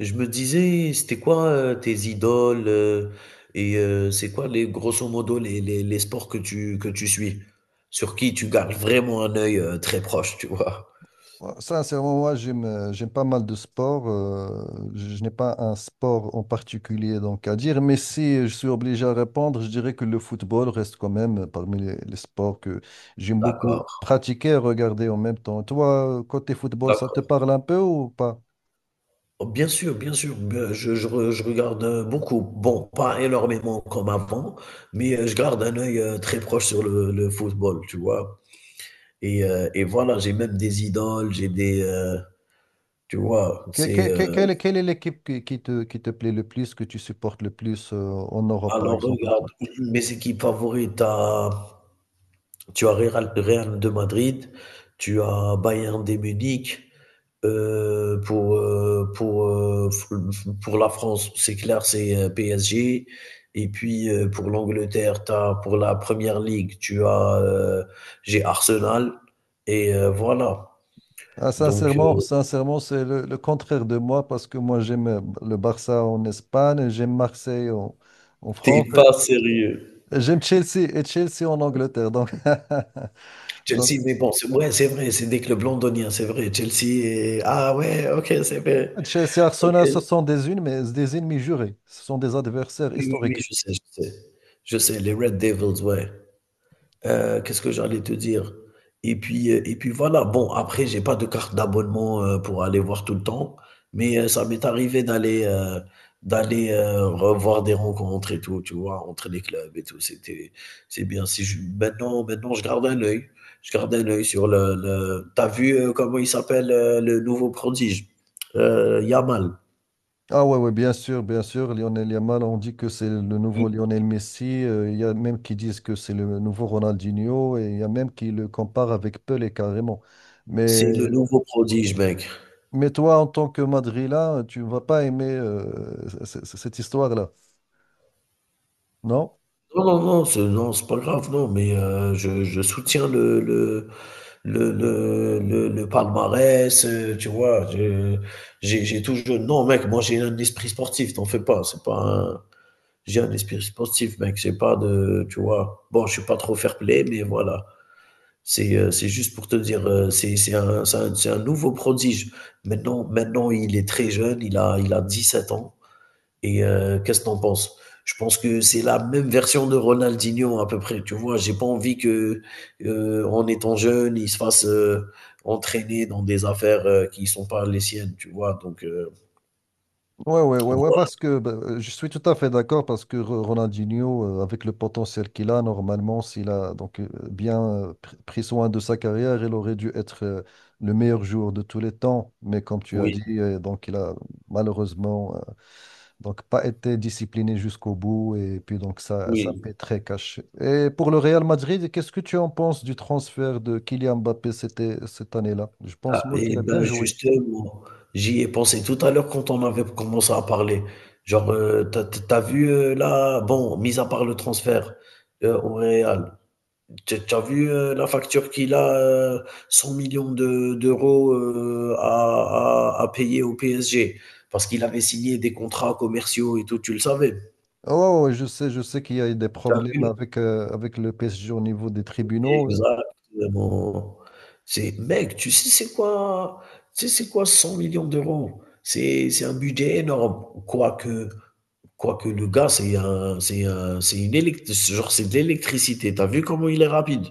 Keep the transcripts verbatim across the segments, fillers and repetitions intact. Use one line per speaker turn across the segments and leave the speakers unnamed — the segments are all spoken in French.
Je me disais, c'était quoi, heu, tes idoles, heu et heu, c'est quoi les grosso modo les les les sports que tu que tu suis? Sur qui tu gardes vraiment un œil, heu, très proche, tu vois?
Ouais, Sincèrement, moi, j'aime, euh, j'aime pas mal de sports. Euh, je n'ai pas un sport en particulier donc à dire, mais si je suis obligé à répondre, je dirais que le football reste quand même parmi les, les sports que j'aime beaucoup
D'accord,
pratiquer et regarder en même temps. Toi, côté football, ça te
d'accord.
parle un peu ou pas?
Oh, bien sûr, bien sûr, beh, je je re je regarde, heu, beaucoup. Bon, pas énormément comme avant, mais heu, je garde un œil, heu, très proche sur le le football, tu vois? Et heu et voilà, j'ai même des idoles, j'ai des, heu, tu vois?
Que-
C'est,
que- que-
heu
Quelle, est quelle est l'équipe qui, qui te, qui te plaît le plus, que tu supportes le plus euh, en Europe, par
alors
exemple?
regarde, mes équipes favorites à. Tu as Real, Real de Madrid, tu as Bayern de Munich. Euh, pour, euh, pour, euh, pour la France, c'est clair, c'est P S G. Et puis euh, pour l'Angleterre, t'as, pour la Première Ligue, tu as euh, j'ai Arsenal. Et euh, voilà.
Ah,
Donc,
sincèrement,
euh,
sincèrement, c'est le, le contraire de moi parce que moi j'aime euh, le Barça en Espagne, et j'aime Marseille en, en France,
t'es pas sérieux.
et j'aime Chelsea et Chelsea en Angleterre. Donc, donc
Chelsea, mais bon, c'est, ouais, c'est vrai, c'est des clubs londoniens, c'est vrai. Chelsea, est- ah ouais, ok, c'est vrai.
Chelsea,
Ok,
Arsenal, ce
oui,
sont des unes, mais des ennemis jurés. Ce sont des adversaires
oui, oui,
historiques.
je sais, je sais. Je sais, les Red Devils, ouais. Heu, qu'est-ce que j'allais te dire? Et puis, heu et puis voilà, bon après j'ai pas de carte d'abonnement, heu, pour aller voir tout le temps, mais, heu, ça m'est arrivé d'aller, heu, d'aller, heu, revoir des rencontres et tout, tu vois? Entre les clubs et tout, c'était c'est bien. Si je maintenant maintenant je garde un œil, je garde un œil sur le le tu vu, heu, comment il s'appelle, heu, le nouveau prodige? Heu, Yamal.
Ah ouais, ouais, bien sûr, bien sûr. Lionel Yamal, on dit que c'est le
I
nouveau Lionel Messi. euh, Il y a même qui disent que c'est le nouveau Ronaldinho et il y a même qui le comparent avec Pelé carrément. Mais
C'est le nouveau prodige, mec.
Mais toi, en tant que Madrilène, tu ne vas pas aimer euh, c- c- cette histoire-là, non?
Non, non, non, c'est non, c'est pas grave, non, mais, heu, je je soutiens le le le, le, le, le palmarès, euh, tu vois. je- J'ai j'ai toujours. Non, mec, moi j'ai un esprit sportif, t'en fais pas. C'est pas un. J'ai un esprit sportif, mec. J'ai pas de. Tu vois. Bon, je suis pas trop fair play, mais voilà. C'est euh, c'est juste pour te dire, euh, c'est c'est un, c'est un, c'est un nouveau prodige. Maintenant, maintenant, il est très jeune, il a, il a dix sept ans. Et euh, qu'est-ce que t'en penses? Je pense que c'est la même version de Ronaldinho à peu près. Tu vois, j'ai pas envie que, euh, en étant jeune, il se fasse euh, entraîner dans des affaires euh, qui sont pas les siennes. Tu vois, donc euh,
Ouais, ouais, ouais, ouais,
voilà.
parce que bah, euh, je suis tout à fait d'accord parce que Ro- Ronaldinho, euh, avec le potentiel qu'il a, normalement, s'il a donc euh, bien euh, pr- pris soin de sa carrière, il aurait dû être euh, le meilleur joueur de tous les temps. Mais comme tu as
Oui,
dit, euh, donc il a malheureusement euh, Donc, pas été discipliné jusqu'au bout. Et puis, donc, ça, ça
oui.
paie très cash. Et pour le Real Madrid, qu'est-ce que tu en penses du transfert de Kylian Mbappé c'était, cette année-là? Je
Ah,
pense, moi,
et
qu'il a bien
ben
joué.
justement, j'y ai pensé tout à l'heure quand on avait commencé à parler. Genre, euh, t'as, t'as vu euh, là, bon, mis à part le transfert euh, au Real. T'as t'as vu euh, la facture qu'il a, euh, cent millions de- d'euros euh, à, à- à payer au P S G, parce qu'il avait signé des contrats commerciaux et tout, tu le savais.
Oh, oh, oh, je sais, je sais qu'il y a eu des
T'as vu
problèmes
le-
avec, euh, avec le P S G au niveau des tribunaux.
Exactement. C'est, mec, tu sais c'est quoi, tu sais c'est quoi cent millions d'euros? C'est, c'est un budget énorme. Quoique, quoique le gars, c'est un, c'est un- c'est une élect- genre c'est de l'électricité. T'as vu comment il est rapide?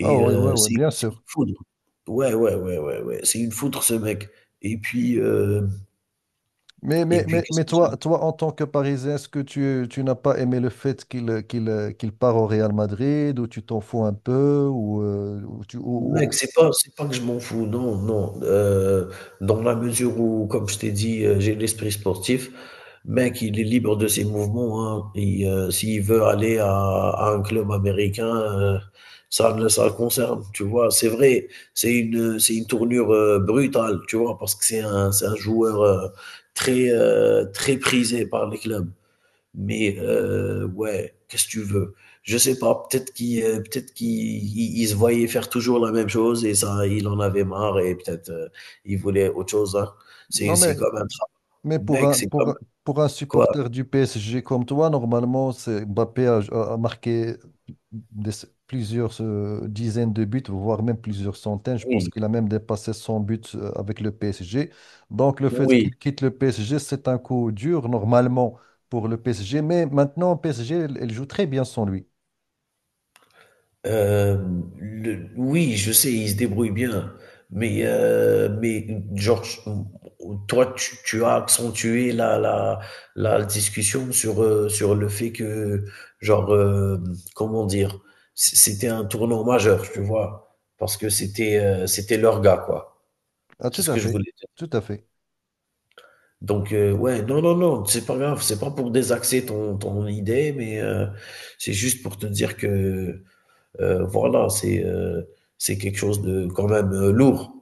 Ah oui, ouais,
heu,
ouais,
c'est
bien
c'est une
sûr.
foudre. Ouais, ouais, ouais, ouais, ouais, c'est une foudre ce mec. Et puis, heu
Mais,
et
mais,
puis
mais,
qu'est-ce
mais
que j'aime?
toi, toi, en tant que Parisien, est-ce que tu, tu n'as pas aimé le fait qu'il euh, qu'il, euh, qu'il part au Real Madrid ou tu t'en fous un peu ou, euh, ou tu, ou-
Mec,
ou-
c'est pas c'est pas que je m'en fous, non, non, heu, dans la mesure où, comme je t'ai dit, heu, j'ai l'esprit sportif. Mec, il est libre de ses mouvements, hein. Il, heu, s'il veut aller à à un club américain, heu, ça ne ça le concerne, tu vois? C'est vrai, c'est une, heu, c'est une tournure, heu, brutale, tu vois? Parce que c'est un c'est un joueur, heu, très, heu, très prisé par les clubs. Mais euh, ouais, qu'est-ce que tu veux? Je sais pas, peut-être qu'il euh, peut-être qu'il il- il se voyait faire toujours la même chose et ça, il en avait marre et peut-être euh, il voulait autre chose. Hein. C'est
Non, mais
c'est comme un travail.
Mais pour
Mec,
un,
c'est
pour,
comme
un pour un
quoi?
supporter du P S G comme toi, normalement, c'est Mbappé a, a- a marqué des- plusieurs euh, dizaines de buts, voire même plusieurs centaines. Je pense
Oui,
qu'il a même dépassé cent buts euh, avec le P S G. Donc, le fait
oui.
qu'il quitte le P S G, c'est un coup dur, normalement, pour le P S G. Mais maintenant, P S G, elle, elle joue très bien sans lui.
Hem, le oui, je sais, il se débrouille bien, mais heu, mais genre, toi, tu tu as accentué la la la discussion sur, heu, sur le fait que genre, hem, comment dire? C c'était un tournant majeur, tu vois? Parce que c'était, heu, c'était leur gars, quoi.
Ah,
C'est
tout
ce
à
que je
fait.
voulais dire.
Tout à fait.
Donc heu, ouais, non, non, non, c'est pas grave, c'est pas pour désaxer ton ton idée, mais heu, c'est juste pour te dire que euh, voilà, c'est euh, c'est quelque chose de quand même euh, lourd,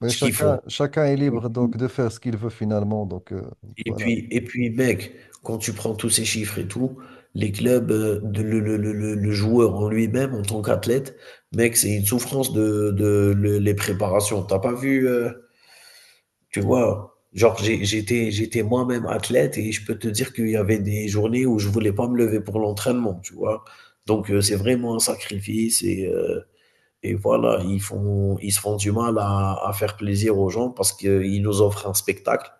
Mais
ce qu'ils font.
chacun, chacun est
Et
libre
puis,
donc, de faire ce qu'il veut finalement. Donc, euh,
et
voilà.
puis, et puis, mec, quand tu prends tous ces chiffres et tout, les clubs, euh, de- le, le- le- le- le joueur en lui-même, en tant qu'athlète, mec, c'est une souffrance de, de- le- les préparations. T'as pas vu, euh, tu vois, genre j'ai- j'étais, j'étais moi-même athlète et je peux te dire qu'il y avait des journées où je voulais pas me lever pour l'entraînement, tu vois. Donc euh, c'est vraiment un sacrifice et. euh, Et voilà, ils font, ils se font du mal à, à faire plaisir aux gens parce qu'ils nous offrent un spectacle.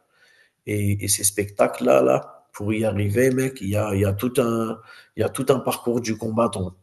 Et, et ces spectacles-là, là, pour y arriver, mec, il y a, il y a tout un, il y a tout un parcours du combattant.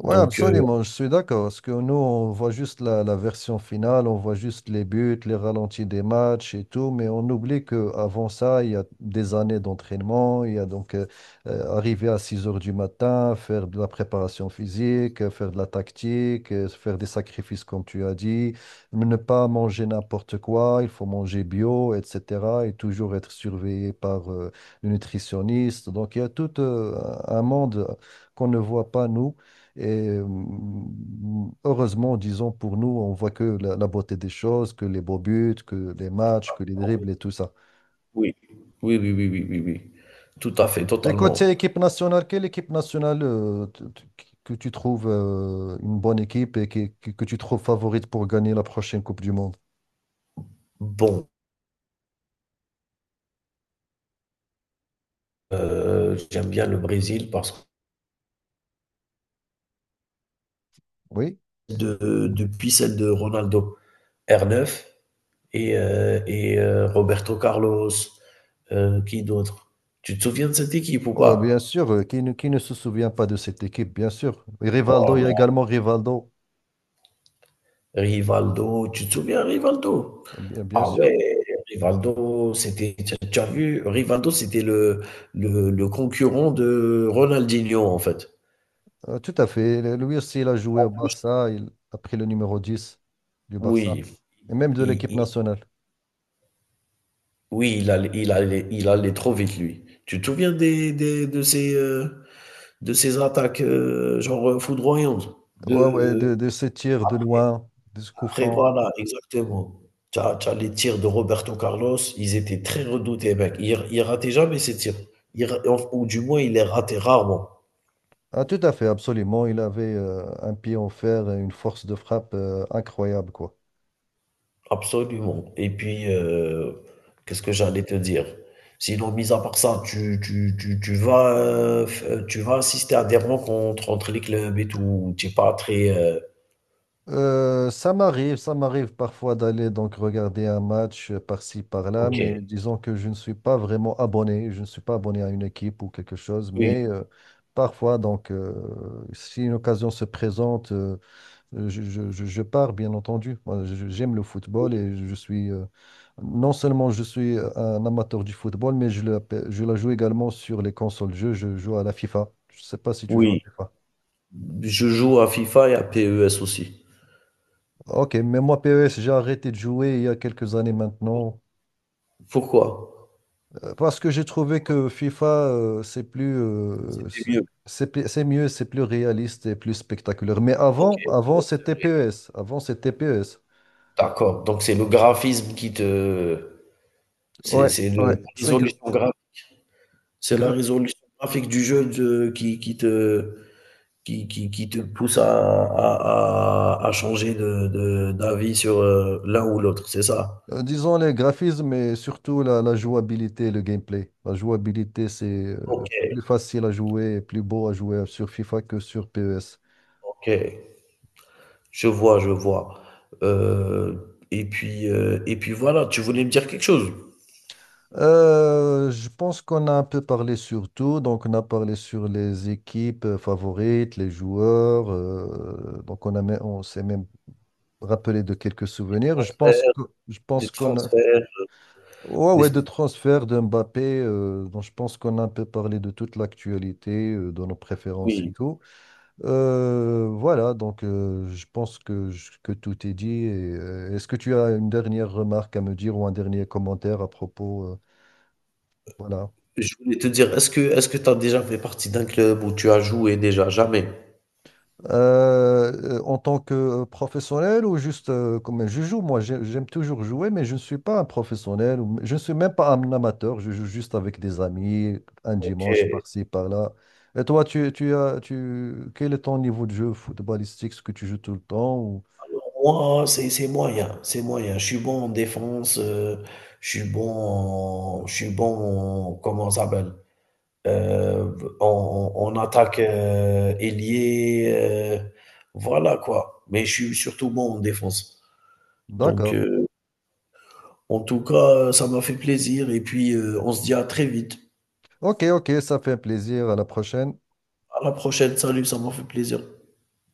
Oui,
Donc, euh,
absolument, je suis d'accord. Parce que nous, on voit juste la, la version finale, on voit juste les buts, les ralentis des matchs et tout, mais on oublie qu'avant ça, il y a des années d'entraînement, il y a donc euh, euh, arriver à six heures du matin, faire de la préparation physique, euh, faire de la tactique, euh, faire des sacrifices, comme tu as dit, mais ne pas manger n'importe quoi, il faut manger bio, et cetera et toujours être surveillé par euh, le nutritionniste. Donc, il y a tout euh, un monde qu'on ne voit pas, nous. Et mm, heureusement, disons, pour nous, on voit que la, la beauté des choses, que les beaux buts, que les matchs, que les dribbles et tout ça.
oui, oui, oui, oui, oui, oui, oui. Tout à fait,
Et côté
totalement.
équipe nationale, quelle équipe nationale euh, t- t- que tu trouves euh, une bonne équipe et qui- qui- que, tu trouves favorite pour gagner la prochaine Coupe du Monde?
Bon, euh, j'aime bien le Brésil parce
Oui,
que de- depuis celle de Ronaldo, R neuf et, euh, et, euh, Roberto Carlos, euh, qui d'autre? Tu te souviens de cette équipe ou
Oh, bien
pas?
sûr, euh, qui ne, qui ne se souvient pas de cette équipe, bien sûr. Et Rivaldo, il y a
Oh
également Rivaldo,
là, Rivaldo, tu te souviens Rivaldo?
bien, bien
Ah
sûr.
ouais, Rivaldo, c'était, tu tu as vu, Rivaldo, c'était le, le, le concurrent de Ronaldinho, en fait.
Euh, tout à fait. Le- Lui aussi, il a joué au Barça. Il a pris le numéro dix du Barça.
Oui,
Et même de
il,
l'équipe
il-
nationale.
oui, il allait, il allait- il allait trop vite, lui. Tu te souviens des, des- de ces, euh, de ces attaques, euh, genre euh, foudroyantes? De,
Ouais, ouais,
euh,
de, de ses tirs de loin, de ce coup
après
franc.
voilà, exactement. t'as t'as les tirs de Roberto Carlos, ils étaient très redoutés mec. Il il ratait jamais ses tirs. Il ra Ou du moins il les ratait rarement.
Ah, tout à fait, absolument. Il avait euh, un pied en fer et une force de frappe euh, incroyable, quoi.
Absolument et puis, heu, qu'est-ce que j'allais te dire? Sinon mis à part ça, tu tu tu tu vas, heu, f euh, tu vas assister à des rencontres entre les clubs et tout, tu es pas très, heu
Euh, ça m'arrive, ça m'arrive parfois d'aller donc regarder un match euh, par-ci, par-là,
OK.
mais disons que je ne suis pas vraiment abonné, je ne suis pas abonné à une équipe ou quelque chose,
Oui,
mais euh, parfois, donc, euh, si une occasion se présente, euh, Euh, Je, je- je- je pars, bien entendu. Moi, je- je- j'aime le football
oui,
et je suis, euh, non seulement je suis euh, un amateur du football, mais je, l'appelle- je la joue également sur les consoles de jeu. Je joue à la FIFA. Je sais pas si tu joues à
oui.
FIFA.
Je joue à FIFA et à P E S aussi.
Ok, mais moi, P E S, j'ai arrêté de jouer il y a quelques années maintenant
Pourquoi?
euh, parce que j'ai trouvé que FIFA, euh, c'est plus, euh,
C'était
c'est
mieux.
c'est plus- c'est mieux, c'est plus réaliste et plus spectaculaire. Mais
OK,
avant, avant,
ouais, c'est
c'était
vrai.
P E S. Avant, c'était P E S.
D'accord, donc c'est le graphisme qui te c'est
Ouais,
c'est le la
ouais, c'est gra-
résolution gra c'est la
gra-
résolution graphique du jeu de qui qui te qui qui qui te pousse à à à à changer de de d'avis sur, heu, l'un ou l'autre, c'est ça?
Euh, Disons les graphismes et surtout la, la jouabilité, le gameplay. La jouabilité, c'est euh,
OK,
plus facile à jouer et plus beau à jouer sur FIFA que sur P E S.
OK, je vois, je vois. Heu et puis, heu et puis voilà, tu voulais me dire quelque chose?
Euh, je pense qu'on a un peu parlé sur tout. Donc, on a parlé sur les équipes euh, favorites, les joueurs. Euh, donc, on a, même- on s'est même rappelé de quelques
Des
souvenirs. Je pense
transferts
que, je
des
pense qu'on a.
transferts,
Ouais, ouais,
des
de transfert de Mbappé. Euh, donc, je pense qu'on a un peu parlé de toute l'actualité, euh, de nos préférences et
oui,
tout. Euh, voilà, donc euh, je pense que, je- que tout est dit. Et, euh, est-ce que tu as une dernière remarque à me dire ou un dernier commentaire à propos, euh, voilà.
je voulais te dire, est-ce que est-ce que tu as déjà fait partie d'un club où tu as joué déjà? Jamais?
Euh, euh, en tant que professionnel ou juste euh, comme je joue, moi j'ai- j'aime toujours jouer, mais je ne suis pas un professionnel, ou- je ne suis même pas un amateur, je joue juste avec des amis, un dimanche
OK.
par-ci, par-là. Et toi, tu, tu as, tu, quel est ton niveau de jeu footballistique, ce que tu joues tout le temps ou...
Alors moi, c'est c'est moyen, c'est moyen. Je suis bon en défense, heu, je suis bon en je suis bon en comment ça s'appelle? Heu, en en en attaque, heu, ailier, heu, voilà quoi. Mais je suis surtout bon en défense. Donc
D'accord.
heu, en tout cas, heu, ça m'a fait plaisir et puis, heu, on se dit à très vite.
Ok, ok, ça fait plaisir. À la prochaine.
À la prochaine. Salut, ça m'a fait plaisir.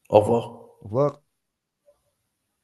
Au revoir.
Au revoir.